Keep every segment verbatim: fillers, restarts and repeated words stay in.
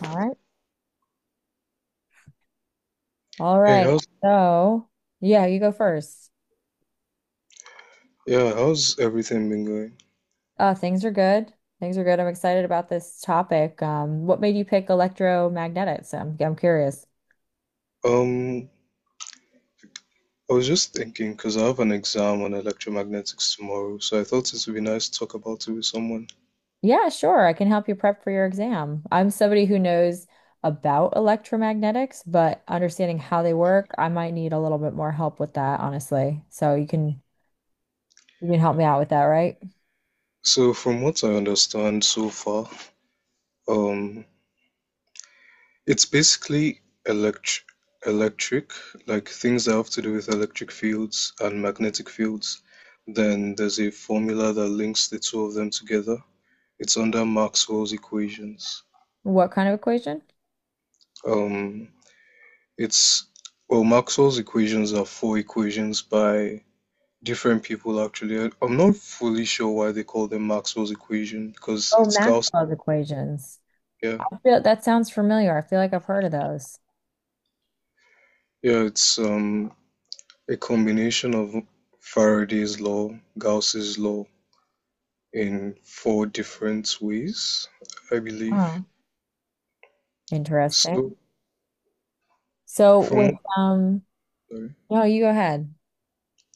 All right. All Hey, right. how's So, yeah, you go first. yeah, how's everything been going? Uh, things are good. Things are good. I'm excited about this topic. Um, what made you pick electromagnetics? I'm, I'm curious. Um, I was just thinking because I have an exam on electromagnetics tomorrow, so I thought it would be nice to talk about it with someone. Yeah, sure. I can help you prep for your exam. I'm somebody who knows about electromagnetics, but understanding how they work, I might need a little bit more help with that, honestly. So you can you can help me out with that, right? So, from what I understand so far, um, it's basically elect electric, like things that have to do with electric fields and magnetic fields. Then there's a formula that links the two of them together. It's under Maxwell's equations. What kind of equation? Um, It's well, Maxwell's equations are four equations by different people actually. I- I'm not fully sure why they call them Maxwell's equation because Oh, it's Gauss. Maxwell's equations. Yeah, I feel that sounds familiar. I feel like I've heard of those. yeah, it's um a combination of Faraday's law, Gauss's law in four different ways, I believe. Huh. Interesting. So So with from um sorry, no, you go ahead.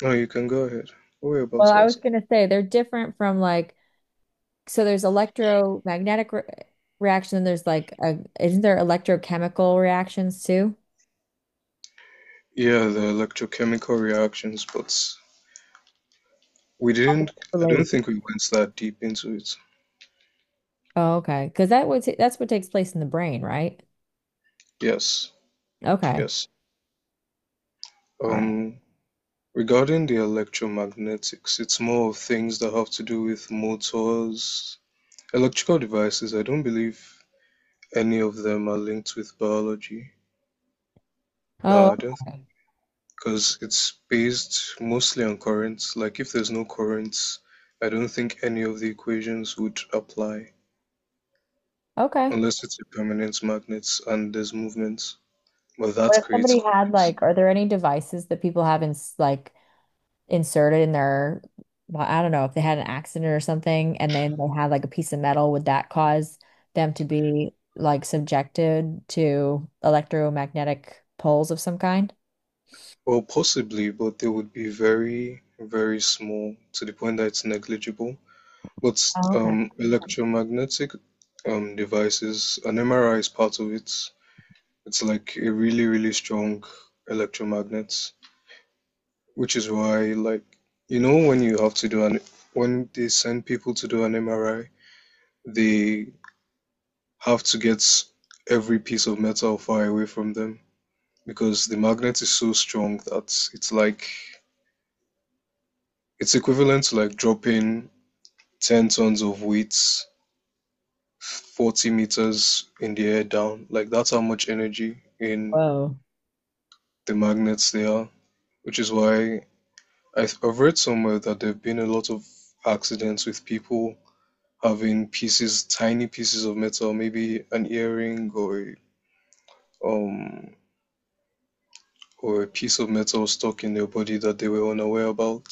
no, you can go ahead. What were you about Well, I to was ask? gonna say they're different from like so there's electromagnetic re reaction, there's like a isn't there electrochemical reactions too? Yeah, the electrochemical reactions, but we How do didn't. they I don't relate? think we went that deep into it. Oh, okay. Because that would ta- that's what takes place in the brain, right? Yes, Okay. yes. All right. Um, regarding the electromagnetics, it's more of things that have to do with motors, electrical devices. I don't believe any of them are linked with biology. No, Oh, I don't, okay. because it's based mostly on currents. Like if there's no currents, I don't think any of the equations would apply Okay. unless it's a permanent magnet and there's movement. But What that if creates somebody had currents. like, are there any devices that people have in s- like inserted in their, well, I don't know if they had an accident or something, and then they had like a piece of metal, would that cause them to be like subjected to electromagnetic poles of some kind? Well, possibly, but they would be very, very small to the point that it's negligible. But Oh, okay. um, electromagnetic um, devices, an M R I is part of it. It's like a really, really strong electromagnet, which is why, like, you know, when you have to do an, when they send people to do an M R I, they have to get every piece of metal far away from them because the magnet is so strong that it's like, it's equivalent to like dropping ten tons of weights forty meters in the air down. Like that's how much energy in Whoa. the magnets they are, which is why I've read somewhere that there have been a lot of accidents with people having pieces, tiny pieces of metal, maybe an earring or um or a piece of metal stuck in their body that they were unaware about,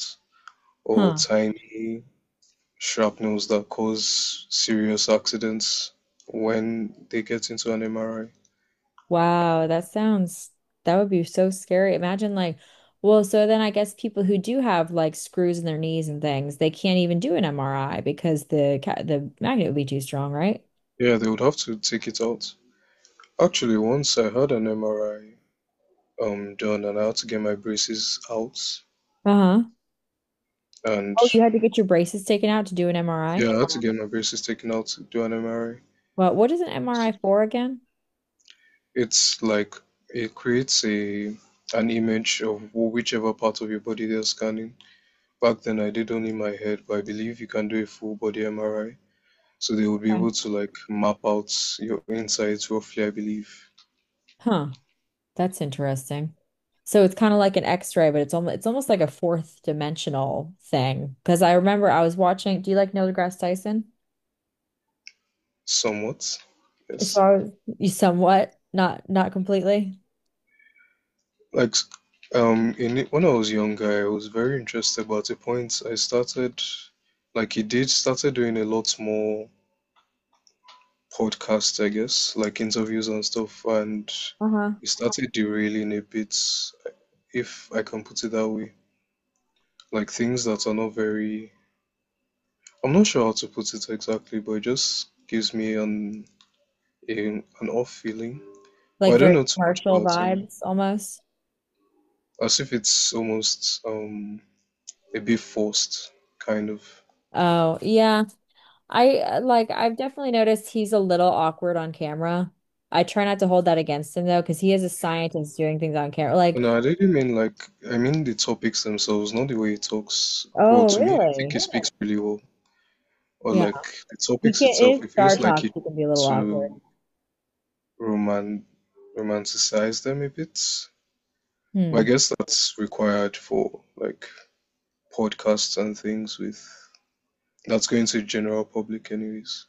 or Huh. tiny shrapnels that cause serious accidents when they get into an M R I. Wow, that sounds that would be so scary. Imagine like, well, so then I guess people who do have like screws in their knees and things, they can't even do an M R I because the ca- the magnet would be too strong, right? Yeah, they would have to take it out. Actually, once I had an M R I um done and I had to get my braces out Uh-huh. and Oh, you had to get your braces taken out to do an M R I? yeah, I had to get my braces taken out to do an M R I. Well, what is an M R I for again? It's like it creates a an image of wh- whichever part of your body they're scanning. Back then I did only my head, but I believe you can do a full body M R I. So they would be Okay. able to like map out your insides roughly, I believe, Huh, that's interesting. So it's kind of like an X-ray, but it's almost it's almost like a fourth dimensional thing. Because I remember I was watching. Do you like Neil deGrasse Tyson? somewhat. So Yes. I was, you somewhat, not not completely. Like um in when I was younger, I was very interested, but at a point I started like he did started doing a lot more podcasts, I guess, like interviews and stuff, and Uh-huh. it started derailing a bit, if I can put it that way. Like things that are not very I'm not sure how to put it exactly, but it just gives me an a, an off feeling. But Like I don't very know too much commercial about him. vibes almost. As if it's almost um a bit forced, kind of. Oh yeah, I uh, like I've definitely noticed he's a little awkward on camera. I try not to hold that against him though, because he is a scientist doing things on camera. Like, No, I didn't mean like I mean the topics themselves, not the way he talks. Well, oh to me, I think really? he speaks really well. Or Yeah. like the We topics can't, itself, it's it Star feels like Talk, he it can be a little awkward. to roman romanticize them a bit. But I Hmm. guess that's required for like podcasts and things with that's going to the general public anyways.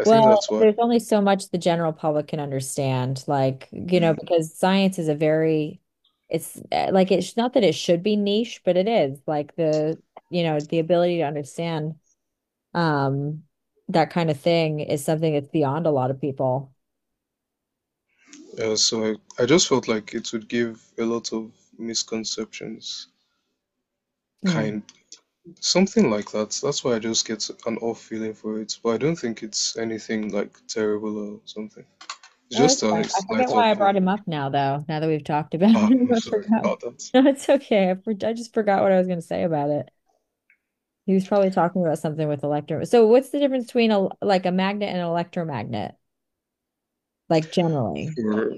I think Well, that's why. there's only so much the general public can understand, like, you know, Mm. because science is a very, it's uh, like it's not that it should be niche, but it is like the, you know, the ability to understand um that kind of thing is something that's beyond a lot of people. Uh, so I, I just felt like it would give a lot of misconceptions, Hmm. kind something like that. That's why I just get an off feeling for it. But I don't think it's anything like terrible or something. It's No, it's just a fine. I slight forget why I off brought feeling. him up now, though. Now that we've talked about Ah, him, I'm I sorry forgot. about that. No, it's okay. I, for- I just forgot what I was going to say about it. He was probably talking about something with electro. So what's the difference between a like a magnet and an electromagnet, like generally? For,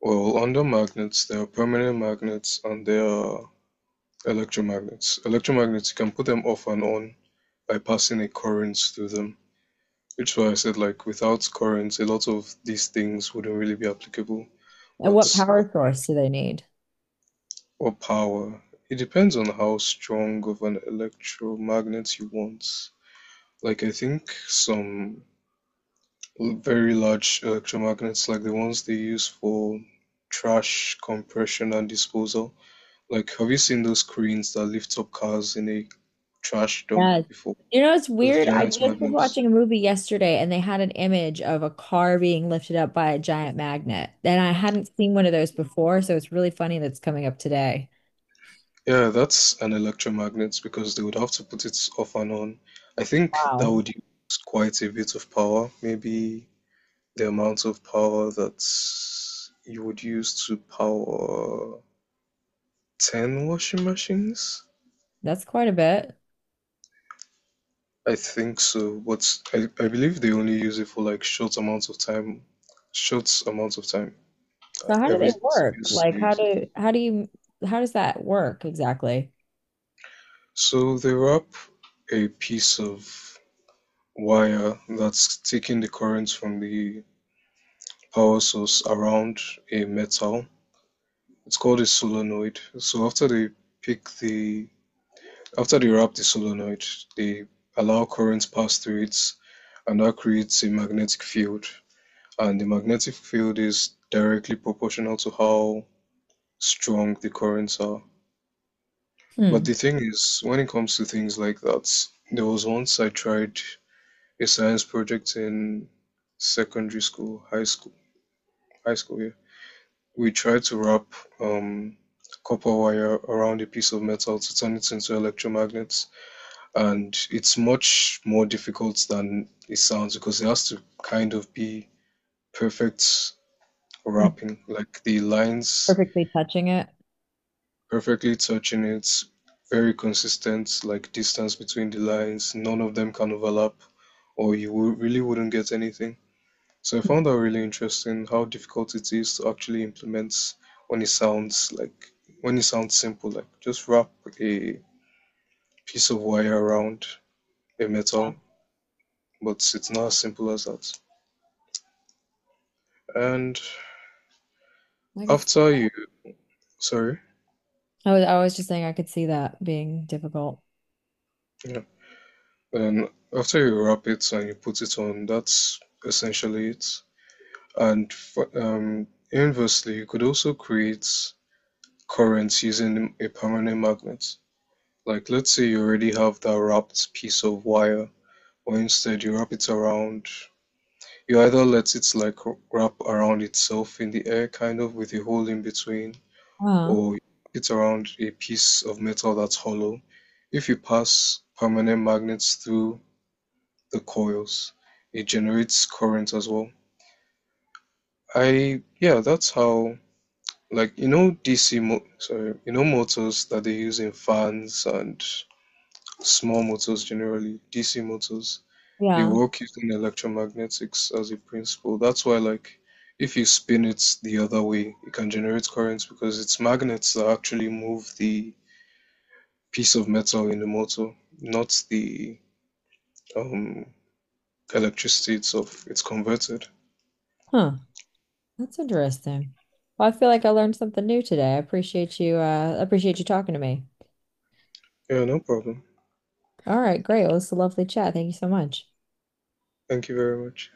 well, under magnets, there are permanent magnets and there are electromagnets. Electromagnets, you can put them off and on by passing a current through them. Which is why I said, like, without currents, a lot of these things wouldn't really be applicable. And But what power source do they need? Or power, it depends on how strong of an electromagnet you want. Like I think some l- very large electromagnets, like the ones they use for trash compression and disposal. Like have you seen those cranes that lift up cars in a trash dump Yes. before? You know, it's Those weird. I giant just was magnets. watching a movie yesterday and they had an image of a car being lifted up by a giant magnet. And I hadn't seen one of those before, so it's really funny that's coming up today. Yeah, that's an electromagnet because they would have to put it off and on. I think that Wow. would use quite a bit of power, maybe the amount of power that you would use to power ten washing machines. That's quite a bit. I think so, but I, I believe they only use it for like short amounts of time, short amounts of time. Uh, So how do every they work? use they Like how use it. do how do you how does that work exactly? So they wrap a piece of wire that's taking the current from the power source around a metal. It's called a solenoid. So after they pick the after they wrap the solenoid, they allow currents pass through it and that creates a magnetic field. And the magnetic field is directly proportional to how strong the currents are. But Hmm. the thing is, when it comes to things like that, there was once I tried a science project in secondary school, high school, high school, yeah. We tried to wrap um, copper wire around a piece of metal to turn it into electromagnets. And it's much more difficult than it sounds because it has to kind of be perfect Hmm. rapping, like the lines Perfectly touching it. perfectly touching it, very consistent, like distance between the lines, none of them can overlap, or you wou- really wouldn't get anything. So I found that really interesting how difficult it is to actually implement when it sounds like when it sounds simple, like just wrap a piece of wire around a Yeah. metal, but it's not as simple as that. And I could after you, sorry, I was I was just saying I could see that being difficult. yeah, and after you wrap it and you put it on, that's essentially it. And f- um, inversely, you could also create currents using a permanent magnet. Like, let's say you already have that wrapped piece of wire, or instead you wrap it around. You either let it like wrap around itself in the air, kind of with a hole in between, Uh, or hit around a piece of metal that's hollow. If you pass permanent magnets through the coils, it generates current as well. I, yeah, that's how, like, you know, D C, mo- sorry, you know, motors that they use in fans and small motors generally, D C motors, they yeah. work using electromagnetics as a principle. That's why, like, if you spin it the other way, it can generate currents because it's magnets that actually move the piece of metal in the motor, not the um, electricity itself. It's converted. Huh. That's interesting. Well, I feel like I learned something new today. I appreciate you uh appreciate you talking to me. Yeah, no problem. All right, great. Well, it's a lovely chat. Thank you so much. Thank you very much.